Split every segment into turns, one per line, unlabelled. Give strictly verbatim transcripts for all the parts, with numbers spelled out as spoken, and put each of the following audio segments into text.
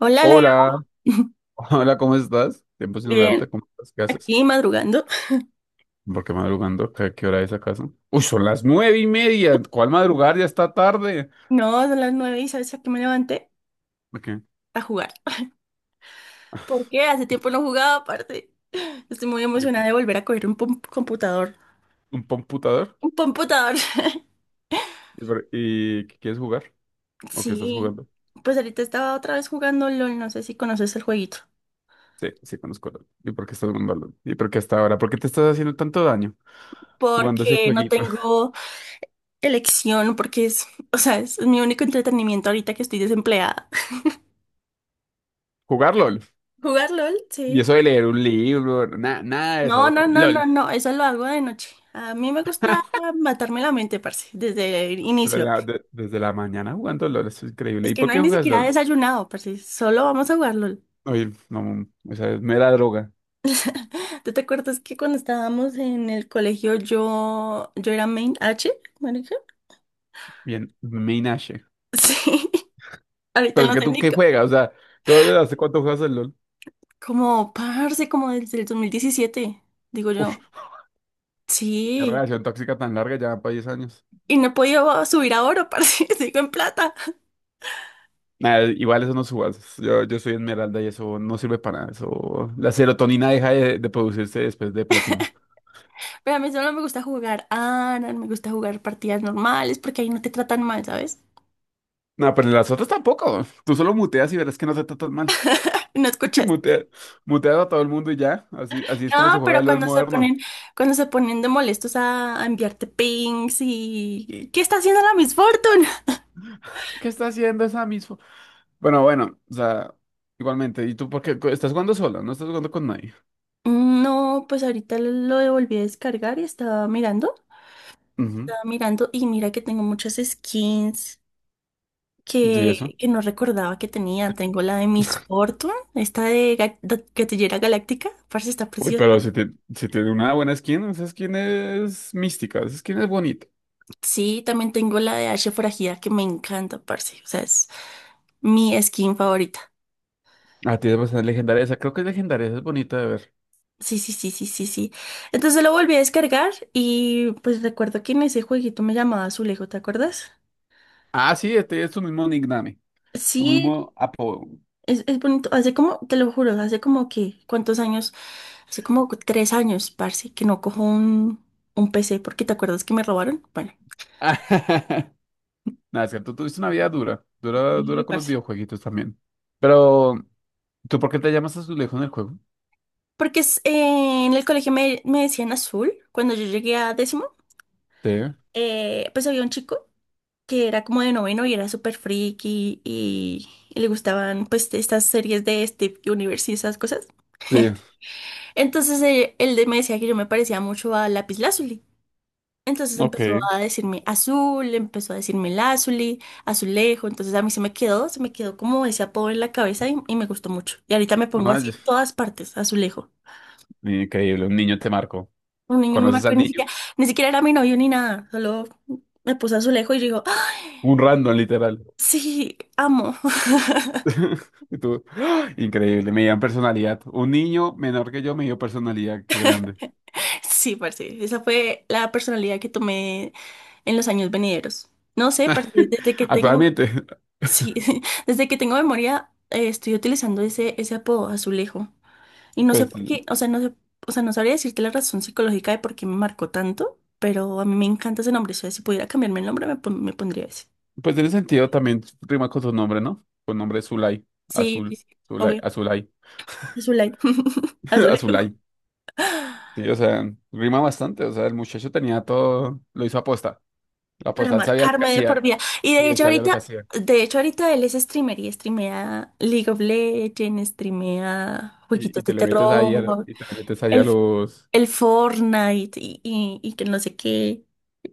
Hola Leo.
Hola, hola, ¿cómo estás? Tiempo sin
Bien,
hablarte, ¿cómo estás? ¿Qué haces?
aquí madrugando.
¿Por qué madrugando? ¿Qué, qué hora es acaso? Uy, son las nueve y media. ¿Cuál madrugar? Ya está tarde.
No, son las nueve y sabes a qué me levanté:
¿Por ¿Qué?
a jugar. ¿Por qué? Hace tiempo no jugaba, aparte. Estoy muy
¿Y
emocionada de volver a coger un pom- computador.
¿Un computador?
Un computador.
¿Y, por- y qué quieres jugar? ¿O qué estás
Sí,
jugando?
pues ahorita estaba otra vez jugando LOL, no sé si conoces el jueguito.
Sí, sí, conozco. LOL. ¿Y por qué estás jugando LOL? ¿Y por qué hasta ahora? ¿Por qué te estás haciendo tanto daño jugando ese
Porque no
jueguito?
tengo elección, porque es, o sea, es mi único entretenimiento ahorita que estoy desempleada.
¿Jugar LOL?
¿Jugar LOL?
Y
Sí.
eso de leer un libro, nada, nada de
No,
eso.
no, no, no,
LOL.
no, eso lo hago de noche. A mí me gusta matarme la mente, parce, desde el
Pero
inicio.
la- de- desde la mañana jugando LOL, eso es increíble.
Es
¿Y
que
por
no hay
qué
ni
juegas
siquiera
LOL?
desayunado, parce, solo vamos a jugar LOL.
Oye, no, esa es mera droga.
¿Tú te acuerdas que cuando estábamos en el colegio yo, yo era main H, marica?
Bien, Minache.
Sí, ahorita
Pero es
no
que
sé
tú,
ni
¿qué
co-
juegas? O sea, ¿tú desde hace cuánto juegas el LOL?
como, parce, como desde el dos mil diecisiete, digo
Uf,
yo.
qué
Sí,
relación tóxica tan larga, ya para diez años.
y no he podido subir a oro, parce, sigo en plata.
Nada, igual eso no subas. Yo, yo soy Esmeralda y eso no sirve para nada. Eso, la serotonina deja de, de producirse después de platino.
Pero a mí solo me gusta jugar A R A N, me gusta jugar partidas normales, porque ahí no te tratan mal, ¿sabes?
No, pero las otras tampoco. Tú solo muteas y verás que no te tratan mal.
No escuchas.
Mutea, muteas a todo el mundo y ya. Así, así es como se
No,
juega
pero
el LOL
cuando se
moderno.
ponen, cuando se ponen de molestos a, a enviarte pings y ¿qué está haciendo la Miss Fortune?
Ay, ¿qué está haciendo esa misma? Bueno, bueno, o sea, igualmente. ¿Y tú por qué estás jugando solo? No estás jugando con nadie.
No, pues ahorita lo volví a descargar y estaba mirando,
Ujú.
estaba mirando y mira que tengo muchas skins
¿Y
que,
eso?
que no recordaba que tenía. Tengo la de Miss Fortune, esta de, Ga- de Gatillera Galáctica, parce, está
Uy,
preciosa.
pero si, te, si tiene una buena skin, esa skin es mística, esa skin es bonita.
Sí, también tengo la de Ashe Forajida que me encanta, parce. O sea, es mi skin favorita.
Ah, tiene bastante legendaria, esa creo que es legendaria, esa es bonita de ver.
Sí, sí, sí, sí, sí, sí. Entonces lo volví a descargar y pues recuerdo que en ese jueguito me llamaba Azulejo, ¿te acuerdas?
Ah, sí, este es tu mismo nickname, tu
Sí,
mismo apodo.
es, es bonito. Hace como, te lo juro, hace como que, ¿cuántos años? Hace como tres años, parce, que no cojo un, un P C porque ¿te acuerdas que me robaron? Bueno,
Nada, es que tú tuviste una vida dura, dura,
sí,
dura con los
parce.
videojueguitos también. Pero, ¿tú por qué te llamas Azulejo en el juego?
Porque es, eh, en el colegio me, me decían azul cuando yo llegué a décimo.
Sí,
Eh, pues había un chico que era como de noveno y era súper friki y, y le gustaban pues estas series de Steve Universe y esas cosas.
sí,
Entonces eh, él me decía que yo me parecía mucho a Lazuli. Entonces
ok.
empezó
Ay,
a decirme azul, empezó a decirme Lazuli, azulejo. Entonces a mí se me quedó, se me quedó como ese apodo en la cabeza y, y me gustó mucho. Y ahorita me pongo así en todas partes, azulejo.
increíble, un niño te marcó.
Un niño me
¿Conoces
marcó
al
y ni
niño?
siquiera, ni siquiera era mi novio ni nada, solo me puso azulejo y yo digo, ¡ah,
Un random, literal.
sí, amo!
Y tú, ¡ah! Increíble, me dieron personalidad. Un niño menor que yo me dio personalidad, qué grande.
Sí, parce. Esa fue la personalidad que tomé en los años venideros. No sé, parce, desde que tengo,
Actualmente,
sí, desde que tengo memoria, eh, estoy utilizando ese, ese apodo, azulejo. Y no sé
pues,
por qué, o sea, no sé, o sea, no sabría decirte la razón psicológica de por qué me marcó tanto, pero a mí me encanta ese nombre. O sea, si pudiera cambiarme el nombre, me, pon- me pondría ese.
pues en ese sentido también rima con su nombre, ¿no? Con nombre es Zulay,
Sí, sí,
Azul,
sí,
Zulay,
obvio.
Azulay,
Azulay. Azulejo.
Azulay. Sí, o sea, rima bastante, o sea, el muchacho tenía todo, lo hizo aposta. La
Para
aposta, él sabía lo que
marcarme de
hacía,
por vida. Y
y
de
él
hecho
sabía lo que
ahorita,
hacía.
de hecho ahorita él es streamer y streamea League of Legends, streamea
Y,
jueguitos
y
de
te le metes ahí a,
terror,
y te le metes ahí a
el,
los,
el Fortnite y, y, y que no sé qué.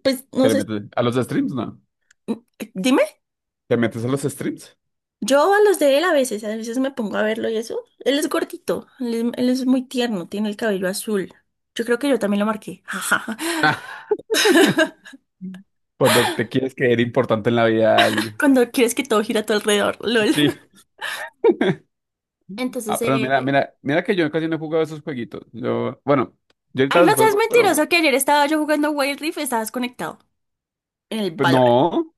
Pues
te
no
le
sé,
metes a los streams, ¿no?
mm, dime,
¿Te metes a los streams?
yo a los de él a veces, a veces me pongo a verlo y eso. Él es gordito, él es, él es muy tierno, tiene el cabello azul. Yo creo que yo también lo marqué.
Cuando te quieres creer importante en la vida de alguien.
Cuando quieres que todo gira a tu alrededor, LOL.
Sí. Ah,
Entonces,
pero mira,
eh,
mira, mira que yo casi no he jugado esos jueguitos. Yo, bueno, yo
ay,
ahorita los
no seas
juego, pero,
mentiroso que ayer estaba yo jugando Wild Rift y estabas conectado en el
pero
Valorant.
no,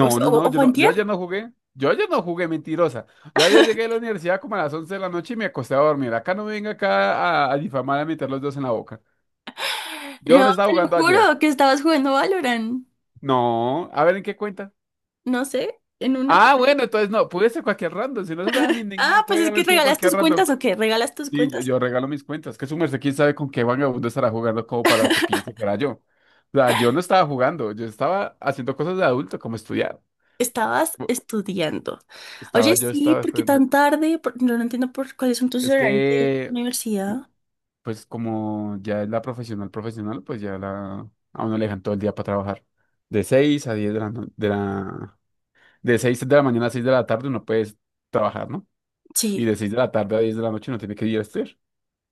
O sea,
no,
o,
no,
o
yo
fue
no, yo
antier.
ayer no jugué. Yo ayer no jugué, mentirosa. Yo ayer llegué a la universidad como a las once de la noche y me acosté a dormir. Acá no me venga acá a, a difamar, a meter los dos en la boca. Yo
No,
no estaba
te lo
jugando ayer.
juro que estabas jugando Valorant.
No, a ver en qué cuenta.
No sé, en una...
Ah, bueno, entonces no, pude ser cualquier random. Si no se sabe mi nickname,
Ah, pues
puede
es que
haber sido
regalas
cualquier
tus
random.
cuentas o qué, regalas tus
Sí, yo,
cuentas o
yo
qué.
regalo mis cuentas. Que su merced, quién sabe con qué vagabundo estará jugando como para que piense que era yo. O sea, yo no estaba jugando, yo estaba haciendo cosas de adulto, como estudiar.
Estabas
Bu-
estudiando.
Estaba
Oye,
yo,
sí,
estaba
¿por qué
estudiando.
tan tarde? Por- no, no entiendo por cuáles son tus
Es
horarios de
que,
universidad.
pues, como ya es la profesional profesional, pues ya la, a uno le dejan todo el día para trabajar. De seis a diez de la, no- de la, de seis de la mañana a seis de la tarde uno puede trabajar, ¿no? Y
Sí.
de seis de la tarde a diez de la noche uno tiene que ir a estudiar.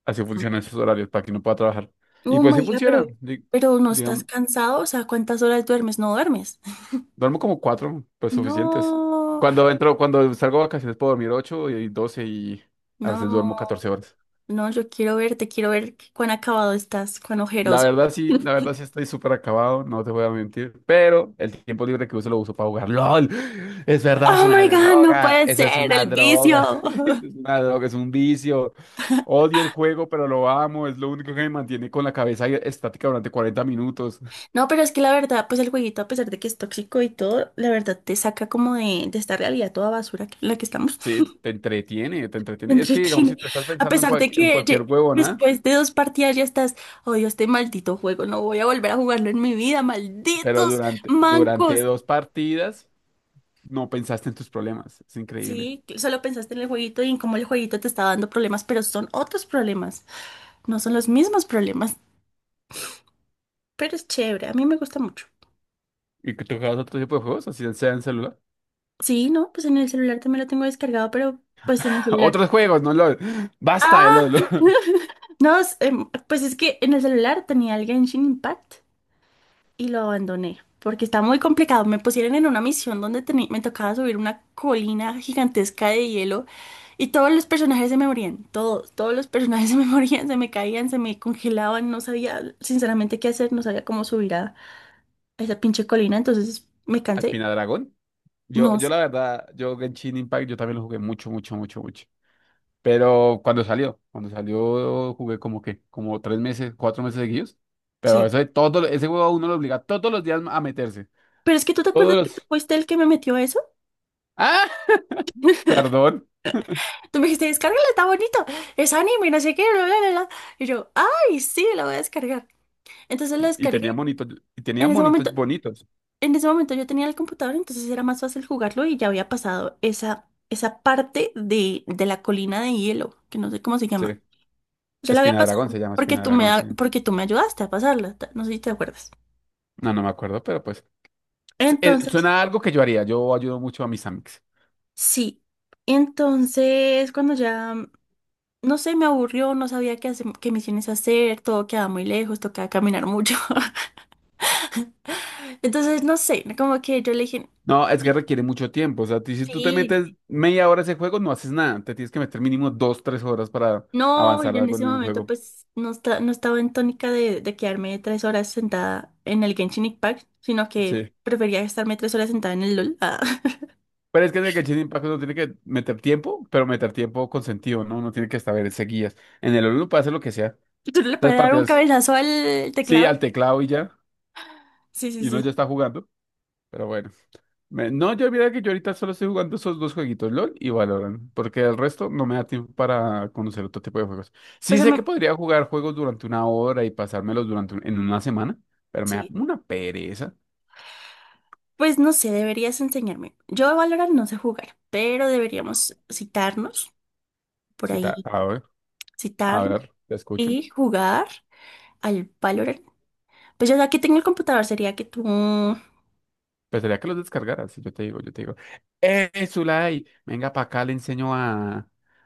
Así funcionan esos horarios para que uno pueda trabajar. Y
Oh
pues sí
my God,
funciona.
pero, pero no estás
Digamos,
cansado, o sea, ¿cuántas horas duermes? No duermes.
duermo como cuatro, pues suficientes.
No,
Cuando entro, cuando salgo de vacaciones puedo dormir ocho y doce y a veces duermo
no.
catorce horas.
No, yo quiero verte, quiero ver qué- cuán acabado estás, cuán
La
ojeroso.
verdad sí, la verdad sí estoy súper acabado, no te voy a mentir, pero el tiempo libre que uso lo uso para jugar. ¡LOL! Es verdad, es
Oh
una
my God, no
droga,
puede
eso es
ser,
una
el
droga,
vicio.
eso es una droga, es un vicio. Odio el juego, pero lo amo, es lo único que me mantiene con la cabeza estática durante cuarenta minutos.
No, pero es que la verdad, pues el jueguito, a pesar de que es tóxico y todo, la verdad te saca como de, de esta realidad toda basura que- en la que estamos.
Sí, te entretiene, te
Te
entretiene. Es que digamos, si
entretiene.
tú estás
A
pensando en,
pesar
cual-
de
en
que
cualquier
ye-
huevona,
después de dos partidas ya estás, odio este maldito juego, no voy a volver a jugarlo en mi vida,
pero
malditos
durante, durante
mancos.
dos partidas no pensaste en tus problemas. Es increíble.
Sí, que solo pensaste en el jueguito y en cómo el jueguito te está dando problemas, pero son otros problemas, no son los mismos problemas. Pero es chévere, a mí me gusta mucho.
¿Y que tú otro tipo de juegos? Así sea en celular.
Sí, no, pues en el celular también lo tengo descargado, pero pues en el celular.
Otros juegos, no LOL. Basta de
¡Ah!
LOL.
No, es, em, pues es que en el celular tenía el Genshin Impact y lo abandoné porque está muy complicado. Me pusieron en una misión donde teni- me tocaba subir una colina gigantesca de hielo y todos los personajes se me morían, todos, todos los personajes se me morían, se me caían, se me congelaban, no sabía sinceramente qué hacer, no sabía cómo subir a a esa pinche colina, entonces me cansé.
Espina Dragón. Yo,
No,
yo la verdad, yo Genshin Impact, yo también lo jugué mucho, mucho, mucho, mucho. Pero cuando salió, cuando salió jugué como que, como tres meses, cuatro meses seguidos. Pero
sí.
eso de todo, ese juego a uno lo obliga todos los días a meterse.
Pero es que tú te
Todos
acuerdas que tú
los...
fuiste el que me metió eso.
¡Ah! Perdón.
Tú me dijiste, descárgala, está bonito, es anime, no sé qué, bla, bla, bla, bla. Y yo, ay, sí, la voy a descargar. Entonces la
Y
descargué.
tenía monitos, y tenía
En ese
monitos
momento,
bonitos.
en ese momento yo tenía el computador, entonces era más fácil jugarlo y ya había pasado esa, esa parte de, de la colina de hielo, que no sé cómo se llama.
Sí,
Ya la había
Espina de Dragón
pasado
se llama
porque
Espina de
tú me,
Dragón, sí.
a- porque tú me ayudaste a pasarla, ta- no sé si te acuerdas.
No, no me acuerdo, pero pues s- eh,
Entonces,
suena a algo que yo haría. Yo ayudo mucho a mis amigos.
sí. Entonces, cuando ya, no sé, me aburrió, no sabía qué, hace- qué misiones hacer, todo quedaba muy lejos, tocaba caminar mucho. Entonces, no sé, como que yo le dije,
No, es que requiere mucho tiempo. O sea, ti- si tú te
sí,
metes media hora a ese juego, no haces nada. Te tienes que meter mínimo dos, tres horas para
no,
avanzar
yo en
algo
ese
en el
momento
juego.
pues no, esta- no estaba en tónica de, de quedarme tres horas sentada en el Genshin Impact, sino que
Sí.
prefería estarme tres horas sentada en el LOL. Ah.
Pero es que en el Genshin Impact uno tiene que meter tiempo, pero meter tiempo con sentido, ¿no? Uno tiene que saber seguidas. En el uno puede hacer lo que sea.
¿Tú no le
Las
puedes dar un
partidas,
cabezazo al
sí,
teclado?
al teclado y ya.
Sí, sí,
Y uno
sí,
ya
sí.
está jugando. Pero bueno. Me- No, yo mira que yo ahorita solo estoy jugando esos dos jueguitos, LOL y Valorant, porque el resto no me da tiempo para conocer otro tipo de juegos.
Pues
Sí
a
sé que
mí-
podría jugar juegos durante una hora y pasármelos durante un- en una semana, pero me da
sí.
como una pereza.
Pues no sé, deberías enseñarme. Yo a Valorant no sé jugar, pero deberíamos citarnos por
Sí, ta-
ahí,
a ver, a
citarnos
ver, te escucho.
y jugar al Valorant. Pues yo ya que tengo el computador sería que tú...
Pensaría que los descargaras, si yo te digo, yo te digo, ¡eh, Zulay! Venga para acá, le enseño a,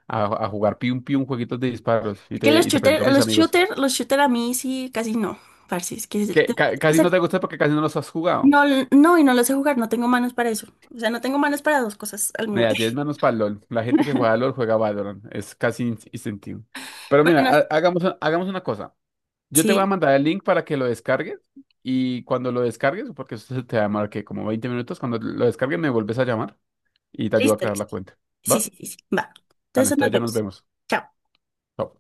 a, a jugar pium pium jueguitos de disparos y
Que
te,
los
y te presento
shooters
a mis
los
amigos.
shooter, los shooter a mí sí casi no, parce, es que es-
Que ca-
o
casi
sea,
no te gusta porque casi no los has jugado.
no, no, y no lo sé jugar, no tengo manos para eso. O sea, no tengo manos para dos cosas al mismo
Mira, diez manos para LOL. La gente que
tiempo.
juega LOL juega Valorant. Es casi in- instintivo. Pero mira,
Bueno, no,
ha- hagamos, hagamos una cosa. Yo te voy a
sí,
mandar el link para que lo descargues. Y cuando lo descargues, porque eso se te va a llamar que como veinte minutos, cuando lo descargues me vuelves a llamar y te ayudo a
listo,
crear la
listo.
cuenta.
Sí,
¿Va?
sí, sí, sí, va.
Vale,
Entonces nos
entonces ya nos
vemos.
vemos.
Chao.
Chao.